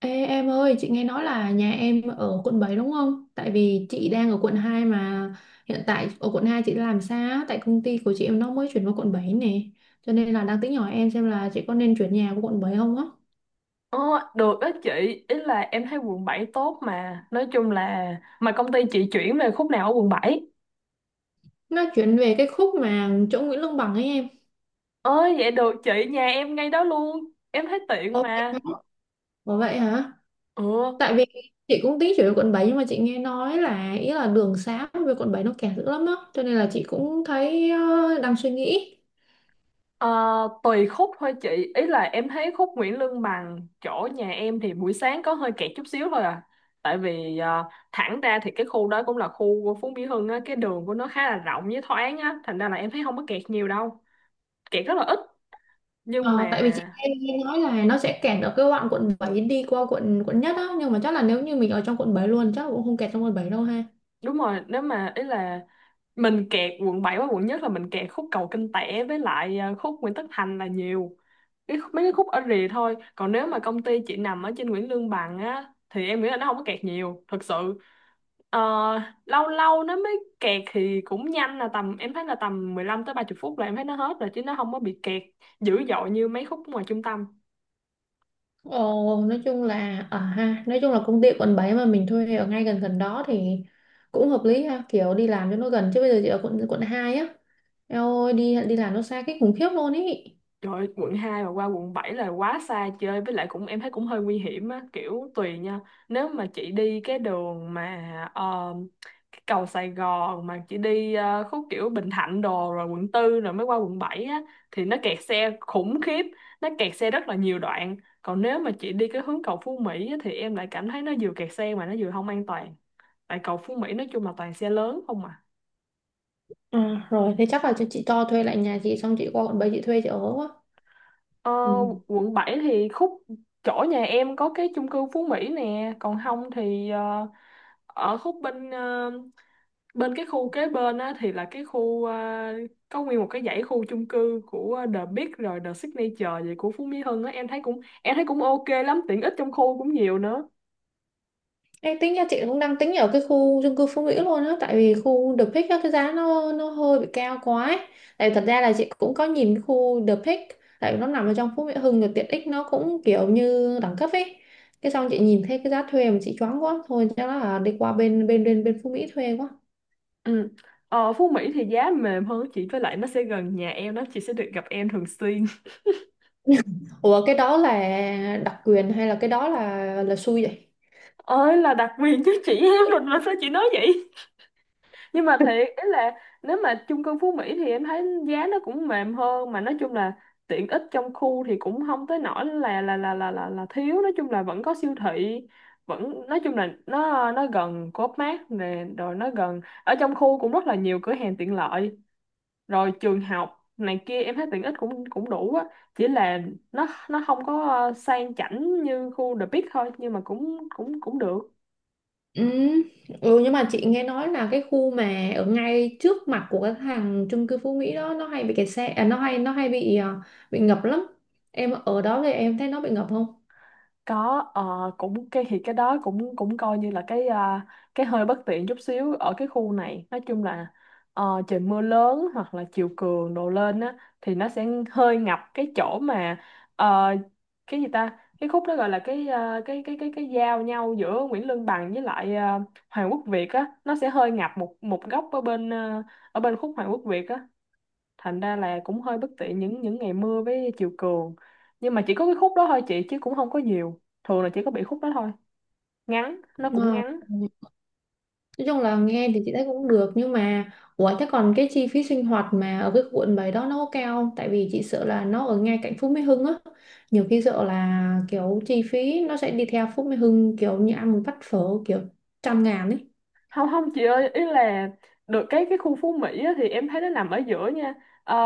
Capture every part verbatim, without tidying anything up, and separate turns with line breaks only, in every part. Ê, em ơi, chị nghe nói là nhà em ở quận bảy đúng không? Tại vì chị đang ở quận hai mà hiện tại ở quận hai chị đang làm sao? Tại công ty của chị em nó mới chuyển vào quận bảy nè. Cho nên là đang tính hỏi em xem là chị có nên chuyển nhà của quận bảy không á.
Ờ, được đó chị, ý là em thấy quận bảy tốt mà. Nói chung là mà công ty chị chuyển về khúc nào ở quận bảy?
Nó chuyển về cái khúc mà chỗ Nguyễn Lương Bằng ấy em.
Ờ vậy được chị, nhà em ngay đó luôn. Em thấy tiện
Ồ vậy
mà.
hả? Ủa vậy hả?
Ừ,
Tại vì chị cũng tính chuyển về quận bảy nhưng mà chị nghe nói là ý là đường xá về quận bảy nó kẹt dữ lắm á. Cho nên là chị cũng thấy ờ, đang suy nghĩ.
ờ, tùy khúc thôi chị. Ý là em thấy khúc Nguyễn Lương Bằng chỗ nhà em thì buổi sáng có hơi kẹt chút xíu thôi à. Tại vì ờ, thẳng ra thì cái khu đó cũng là khu của Phú Mỹ Hưng á. Cái đường của nó khá là rộng với thoáng á. Thành ra là em thấy không có kẹt nhiều đâu. Kẹt rất là ít. Nhưng
Ờ, tại vì chị
mà
nghe, nghe nói là nó sẽ kẹt ở cái đoạn quận bảy đi qua quận quận nhất á, nhưng mà chắc là nếu như mình ở trong quận bảy luôn chắc cũng không kẹt trong quận bảy đâu ha.
đúng rồi, nếu mà ý là mình kẹt quận bảy và quận nhất là mình kẹt khúc cầu Kinh Tẻ với lại à, khúc Nguyễn Tất Thành là nhiều cái, khúc- mấy cái khúc ở rìa thôi, còn nếu mà công ty chị nằm ở trên Nguyễn Lương Bằng á thì em nghĩ là nó không có kẹt nhiều thật sự. Ờ, Lâu lâu nó mới kẹt thì cũng nhanh, là tầm em thấy là tầm mười lăm tới ba mươi phút là em thấy nó hết rồi, chứ nó không có bị kẹt dữ dội như mấy khúc ngoài trung tâm.
Ồ, nói chung là ở ha, nói chung là công ty quận bảy mà mình thuê ở ngay gần gần đó thì cũng hợp lý ha, kiểu đi làm cho nó gần, chứ bây giờ chị ở quận quận hai á. Eo ơi, đi đi làm nó xa cái khủng khiếp luôn ý.
Trời ơi, quận hai mà qua quận bảy là quá xa chơi, với lại cũng em thấy cũng hơi nguy hiểm á, kiểu tùy nha. Nếu mà chị đi cái đường mà ờ, cái cầu Sài Gòn, mà chị đi ờ, khúc kiểu Bình Thạnh đồ rồi quận tư rồi mới qua quận bảy á thì nó kẹt xe khủng khiếp, nó kẹt xe rất là nhiều đoạn. Còn nếu mà chị đi cái hướng cầu Phú Mỹ á, thì em lại cảm thấy nó vừa kẹt xe mà nó vừa không an toàn, tại cầu Phú Mỹ nói chung là toàn xe lớn không à.
À, rồi thế chắc là chị, chị cho thuê lại nhà chị xong chị qua quận bảy chị thuê chị ở quá.
Ờ,
Ừ.
Quận bảy thì khúc chỗ nhà em có cái chung cư Phú Mỹ nè, còn không thì ờ, ở khúc bên ờ, bên cái khu kế bên á thì là cái khu ờ, có nguyên một cái dãy khu chung cư của The Big rồi The Signature vậy của Phú Mỹ Hưng á, em thấy cũng em thấy cũng ok lắm, tiện ích trong khu cũng nhiều nữa.
Ê, tính ra chị cũng đang tính ở cái khu chung cư Phú Mỹ luôn á, tại vì khu The Peak á, cái giá nó nó hơi bị cao quá ấy. Tại vì thật ra là chị cũng có nhìn cái khu The Peak, tại vì nó nằm ở trong Phú Mỹ Hưng rồi tiện ích nó cũng kiểu như đẳng cấp ấy, cái xong chị nhìn thấy cái giá thuê mà chị choáng quá, thôi chắc là đi qua bên bên bên bên Phú Mỹ thuê quá.
Ừ. Ờ, Phú Mỹ thì giá mềm hơn chị, với lại nó sẽ gần nhà em đó, chị sẽ được gặp em thường xuyên.
Ủa cái đó là đặc quyền hay là cái đó là là xui vậy?
Ơi, là đặc quyền chứ, chị em mình mà sao chị nói vậy? Nhưng mà thiệt, ý là nếu mà chung cư Phú Mỹ thì em thấy giá nó cũng mềm hơn, mà nói chung là tiện ích trong khu thì cũng không tới nỗi là là là là là, là thiếu, nói chung là vẫn có siêu thị, vẫn nói chung là nó nó gần Co.op Mart nè, rồi nó gần, ở trong khu cũng rất là nhiều cửa hàng tiện lợi, rồi trường học này kia, em thấy tiện ích cũng cũng đủ á. Chỉ là nó nó không có ờ, sang chảnh như khu The Peak thôi, nhưng mà cũng cũng cũng được.
Ừ. Ừ, nhưng mà chị nghe nói là cái khu mà ở ngay trước mặt của cái hàng chung cư Phú Mỹ đó nó hay bị kẹt xe à, nó hay nó hay bị à, bị ngập lắm. Em ở đó thì em thấy nó bị ngập không?
Có ờ, cũng cái thì cái đó cũng cũng coi như là cái à, cái hơi bất tiện chút xíu ở cái khu này, nói chung là ờ, trời mưa lớn hoặc là chiều cường đổ lên á thì nó sẽ hơi ngập cái chỗ mà ờ, cái gì ta, cái khúc đó gọi là cái ờ, cái cái cái cái giao nhau giữa Nguyễn Lương Bằng với lại ờ, Hoàng Quốc Việt á, nó sẽ hơi ngập một một góc ở bên ờ, ở bên khúc Hoàng Quốc Việt á, thành ra là cũng hơi bất tiện những những ngày mưa với chiều cường, nhưng mà chỉ có cái khúc đó thôi chị, chứ cũng không có nhiều, thường là chỉ có bị khúc đó thôi, ngắn nó cũng
Ờ,
ngắn.
nói chung là nghe thì chị thấy cũng được, nhưng mà ủa thế còn cái chi phí sinh hoạt mà ở cái quận bảy đó nó có cao không, tại vì chị sợ là nó ở ngay cạnh Phú Mỹ Hưng á, nhiều khi sợ là kiểu chi phí nó sẽ đi theo Phú Mỹ Hưng, kiểu như ăn một bát phở kiểu trăm ngàn ấy.
Không không chị ơi, ý là được cái cái khu Phú Mỹ á, thì em thấy nó nằm ở giữa nha. Ờ,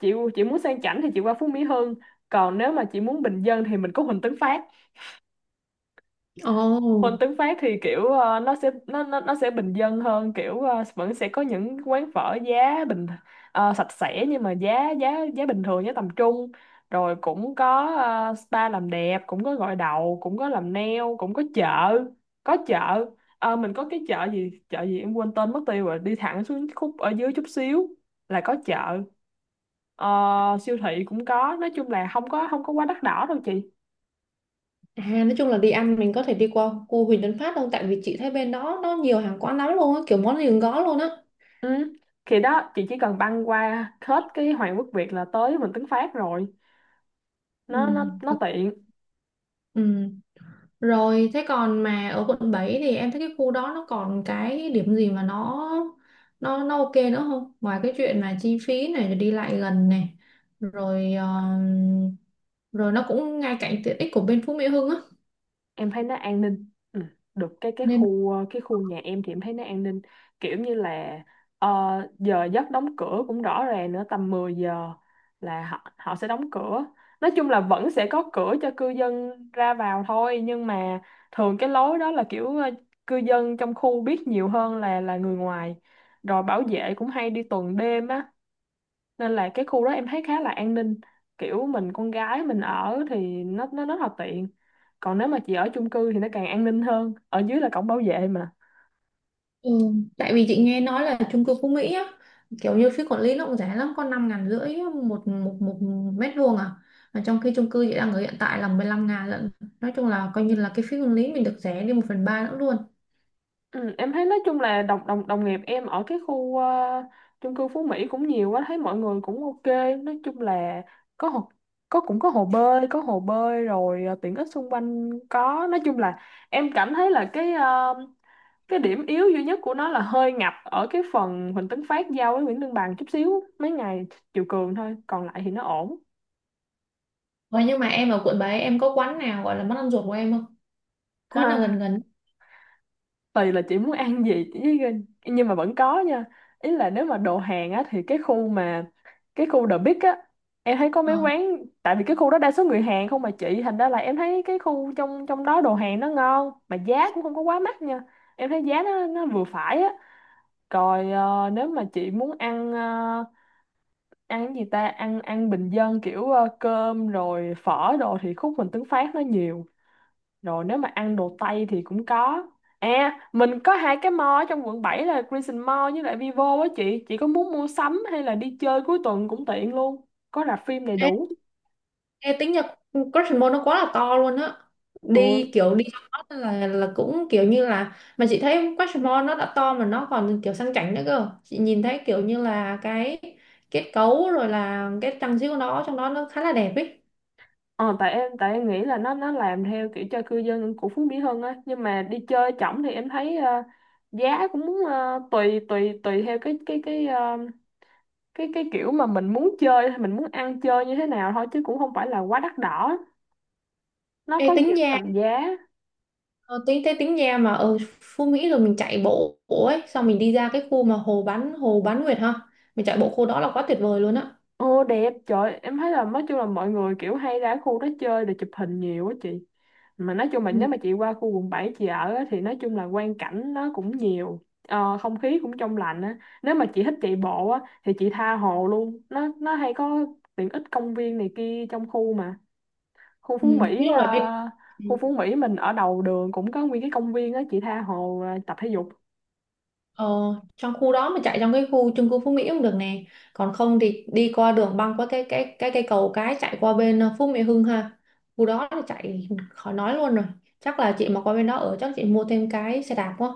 chị chị muốn sang chảnh thì chị qua Phú Mỹ Hưng, còn nếu mà chị muốn bình dân thì mình có Huỳnh Tấn Phát.
Ồ.
Môn tiếng Pháp thì kiểu ờ, nó sẽ nó nó nó sẽ bình dân hơn, kiểu ờ, vẫn sẽ có những quán phở giá bình, ờ, sạch sẽ, nhưng mà giá giá giá bình thường, giá tầm trung, rồi cũng có ờ, spa làm đẹp, cũng có gội đầu, cũng có làm nail, cũng có chợ, có chợ. Ờ, mình có cái chợ gì chợ gì em quên tên mất tiêu rồi, đi thẳng xuống khúc ở dưới chút xíu là có chợ. Ờ, Siêu thị cũng có, nói chung là không có không có quá đắt đỏ đâu chị.
À, nói chung là đi ăn mình có thể đi qua khu Huỳnh Tấn Phát đâu. Tại vì chị thấy bên đó nó nhiều hàng quán lắm luôn á, kiểu món gì cũng có luôn á.
Ừ. Thì đó chị, chỉ cần băng qua hết cái Hoàng Quốc Việt là tới Vịnh Tấn Phát rồi,
Ừ,
nó nó nó
hợp-
tiện.
Ừ. Rồi thế còn mà ở quận bảy thì em thấy cái khu đó nó còn cái điểm gì mà nó nó nó ok nữa không? Ngoài cái chuyện mà chi phí này rồi đi lại gần này, rồi ờ, rồi nó cũng ngay cạnh tiện ích của bên Phú Mỹ Hưng á.
Em thấy nó an ninh, ừ. Được cái cái
Nên
khu ờ, cái khu nhà em thì em thấy nó an ninh, kiểu như là ờ, giờ giấc đóng cửa cũng rõ ràng nữa, tầm mười giờ là họ họ sẽ đóng cửa. Nói chung là vẫn sẽ có cửa cho cư dân ra vào thôi, nhưng mà thường cái lối đó là kiểu ờ, cư dân trong khu biết nhiều hơn là là người ngoài, rồi bảo vệ cũng hay đi tuần đêm á, nên là cái khu đó em thấy khá là an ninh, kiểu mình con gái mình ở thì nó nó rất là tiện. Còn nếu mà chị ở chung cư thì nó càng an ninh hơn, ở dưới là cổng bảo vệ mà.
ừ, tại vì chị nghe nói là chung cư Phú Mỹ á, kiểu như phí quản lý nó cũng rẻ lắm, có năm ngàn rưỡi một, một, một mét vuông à. Mà trong khi chung cư chị đang ở hiện tại là mười lăm ngàn lận. Nói chung là coi như là cái phí quản lý mình được rẻ đi một phần ba nữa luôn.
Ừ, em thấy nói chung là đồng đồng đồng nghiệp em ở cái khu ờ, chung cư Phú Mỹ cũng nhiều, quá thấy mọi người cũng ok. Nói chung là có hồ, có cũng có hồ bơi, có hồ bơi, rồi ờ, tiện ích xung quanh có, nói chung là em cảm thấy là cái ờ, cái điểm yếu duy nhất của nó là hơi ngập ở cái phần Huỳnh Tấn Phát giao với Nguyễn Lương Bằng chút xíu mấy ngày chiều cường thôi, còn lại thì nó ổn.
Vậy nhưng mà em ở quận bảy em có quán nào gọi là món ăn ruột của em không? Quán nào gần gần?
Tùy là chị muốn ăn gì chỉ- nhưng mà vẫn có nha, ý là nếu mà đồ Hàn á thì cái khu mà cái khu The Big á em thấy có mấy quán, tại vì cái khu đó đa số người Hàn không mà chị, thành ra là em thấy cái khu trong trong đó đồ Hàn nó ngon mà giá cũng không có quá mắc nha, em thấy giá nó nó vừa phải á. Rồi ờ, nếu mà chị muốn ăn ờ, ăn cái gì ta, ăn ăn bình dân kiểu ờ, cơm rồi phở đồ thì khúc mình Tuấn Phát nó nhiều, rồi nếu mà ăn đồ Tây thì cũng có. À, mình có hai cái mall ở trong quận bảy là Crescent Mall với lại Vivo á chị. Chị có muốn mua sắm hay là đi chơi cuối tuần cũng tiện luôn. Có rạp phim đầy đủ.
Ờ. Ê, tính nhật, Christmas nó quá là to luôn á,
Ồ,
đi kiểu đi cho nó là là cũng kiểu như là, mà chị thấy Christmas nó đã to mà nó còn kiểu sang chảnh nữa cơ, chị nhìn thấy kiểu như là cái kết cấu rồi là cái trang trí của nó trong đó nó khá là đẹp ấy.
ờ, tại em tại em nghĩ là nó nó làm theo kiểu cho cư dân của Phú Mỹ Hưng á. Nhưng mà đi chơi chổng thì em thấy ờ, giá cũng ờ, tùy tùy tùy theo cái cái cái ờ, cái cái kiểu mà mình muốn chơi hay mình muốn ăn chơi như thế nào thôi, chứ cũng không phải là quá đắt đỏ. Nó
Ê,
có
tính
nhiều
nha,
tầm giá.
ờ, tính thế tính nha, mà ở Phú Mỹ rồi mình chạy bộ, bộ ấy, xong mình đi ra cái khu mà hồ bán hồ bán nguyệt ha, mình chạy bộ khu đó là quá tuyệt vời luôn á.
Ồ đẹp, trời em thấy là nói chung là mọi người kiểu hay ra khu đó chơi để chụp hình nhiều quá chị. Mà nói chung là nếu
Ừ.
mà chị qua khu quận bảy chị ở á, thì nói chung là quang cảnh nó cũng nhiều, ờ, không khí cũng trong lành á. Nếu mà chị thích chạy bộ á thì chị tha hồ luôn. Nó nó hay có tiện ích công viên này kia trong khu mà. Khu
Ừ.
Phú
Nói
Mỹ
chung
ờ,
là bên
khu Phú Mỹ mình ở đầu đường cũng có nguyên cái công viên á, chị tha hồ ờ, tập thể dục.
ờ, trong khu đó mà chạy trong cái khu chung cư Phú Mỹ cũng được nè, còn không thì đi qua đường băng qua cái cái cái cây cầu cái chạy qua bên ờ, Phú Mỹ Hưng ha, khu đó là chạy khỏi nói luôn rồi. Chắc là chị mà qua bên đó ở chắc chị mua thêm cái xe đạp quá,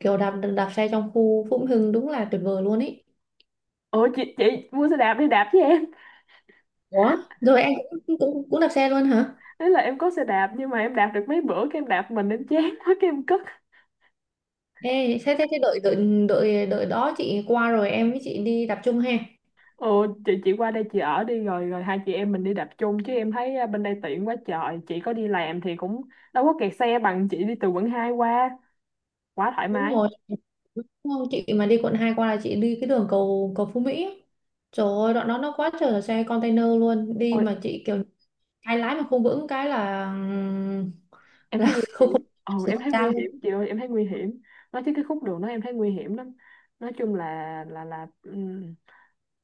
kiểu đạp đạp xe trong khu Phú Mỹ Hưng đúng là tuyệt vời luôn ý.
Ủa chị chị mua xe đạp đi đạp với em.
Ủa? Rồi em cũng cũng cũng đạp xe luôn hả?
Thế là em có xe đạp nhưng mà em đạp được mấy bữa cái em đạp mình em chán quá cái em cất.
Ê thế thế, thế đợi đợi đợi đợi đó chị qua rồi em với chị đi đạp chung ha.
Ồ chị chị qua đây chị ở đi, rồi rồi hai chị em mình đi đạp chung, chứ em thấy à, bên đây tiện quá trời. Chị có đi làm thì cũng đâu có kẹt xe bằng chị đi từ quận hai qua, quá thoải
Đúng
mái.
rồi. Đúng không? Chị mà đi quận hai qua là chị đi cái đường cầu cầu Phú Mỹ ấy. Trời ơi đoạn đó nó quá trời là xe container luôn, đi
Ôi
mà chị kiểu cái lái mà không vững cái là
em
là
thấy nguy
không không
hiểm. Ồ
xảy
em thấy nguy
ra luôn.
hiểm chị ơi, em thấy nguy hiểm. Nói chứ cái khúc đường đó em thấy nguy hiểm lắm. Nói chung là là là ừm,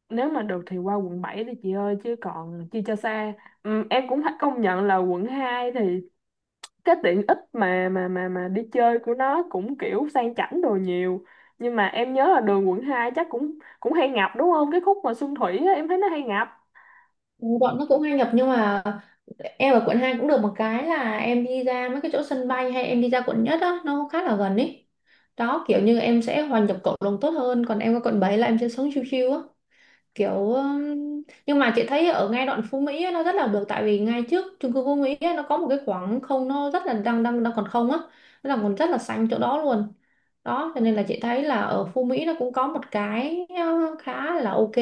nếu mà được thì qua quận bảy đi chị ơi, chứ còn chi cho xa. Ừm, em cũng phải công nhận là quận hai thì cái tiện ích mà mà mà mà đi chơi của nó cũng kiểu sang chảnh đồ nhiều, nhưng mà em nhớ là đường quận hai chắc cũng cũng hay ngập đúng không, cái khúc mà Xuân Thủy á, em thấy nó hay ngập.
Ừ, bọn nó cũng hay nhập nhưng mà em ở quận hai cũng được một cái là em đi ra mấy cái chỗ sân bay hay em đi ra quận nhất á nó khá là gần ý. Đó kiểu như em sẽ hòa nhập cộng đồng tốt hơn, còn em ở quận bảy là em sẽ sống chill chill á, kiểu um, nhưng mà chị thấy ở ngay đoạn Phú Mỹ á, nó rất là được, tại vì ngay trước chung cư Phú Mỹ á, nó có một cái khoảng không nó rất là đang đang đang còn không á, nó là còn rất là xanh chỗ đó luôn. Đó cho nên là chị thấy là ở Phú Mỹ nó cũng có một cái uh, khá là ok.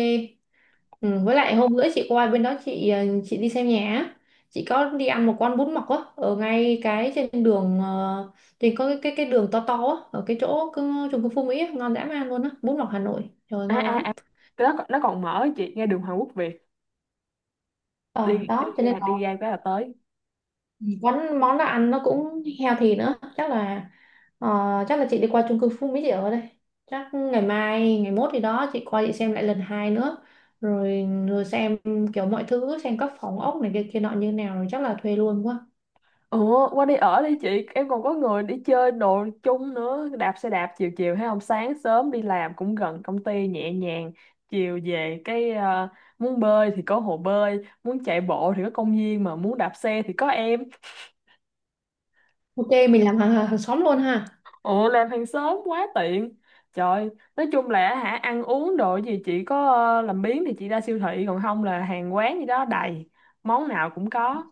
Ừ, với lại hôm bữa chị qua bên đó chị uh, chị đi xem nhà á. Chị có đi ăn một con bún mọc á ở ngay cái trên đường uh, trên có cái cái cái đường to to á ở cái chỗ cứ- chung cư Phú Mỹ á, ngon dã man luôn á, bún mọc Hà Nội trời ơi,
À
ngon
à
lắm.
à, nó, còn- nó còn mở chị, ngay đường Hoàng Quốc Việt
Ờ
đi đi
đó cho nên
ra đi ra cái là tới.
món món nó ăn nó cũng healthy nữa, chắc là ờ, chắc là chị đi qua chung cư Phú Mỹ chị ở đây, chắc ngày mai ngày mốt gì đó chị qua chị xem lại lần hai nữa, rồi rồi xem kiểu mọi thứ, xem các phòng ốc này kia kia nọ như nào, rồi chắc là thuê luôn quá.
Ủa qua đi ở đi chị, em còn có người đi chơi đồ chung nữa, đạp xe đạp chiều chiều, hay không sáng sớm đi làm cũng gần công ty nhẹ nhàng, chiều về cái ờ, muốn bơi thì có hồ bơi, muốn chạy bộ thì có công viên, mà muốn đạp xe thì có em.
Ok mình làm hàng hàng xóm luôn ha.
Ủa làm hàng sớm quá tiện. Trời, nói chung là hả, ăn uống đồ gì chỉ có ờ, làm biếng thì chị ra siêu thị, còn không là hàng quán gì đó đầy, món nào cũng có.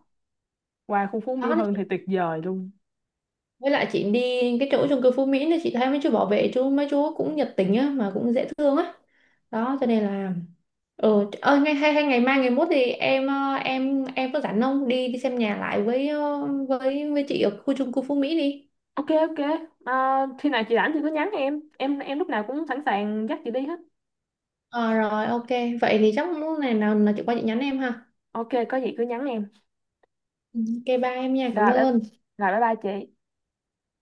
Qua khu phố
Đó
Mỹ Hưng thì tuyệt vời luôn.
với lại chị đi cái chỗ chung cư Phú Mỹ thì chị thấy mấy chú bảo vệ chú mấy chú cũng nhiệt tình á mà cũng dễ thương á. Đó cho nên là ừ, ơi ngay hay hay ngày mai ngày mốt thì em ờ, em em có rảnh không đi đi xem nhà lại với ờ, với với chị ở khu chung cư Phú Mỹ đi.
Ok ok, à, khi nào chị rảnh thì cứ nhắn em. Em em lúc nào cũng sẵn sàng dắt chị đi hết.
Ờ rồi ok, vậy thì chắc lúc này nào là chị qua chị nhắn em ha.
Ok có gì cứ nhắn em.
Ừ, ok bye em nha, cảm
Rồi bye,
ơn.
rồi, bye bye chị.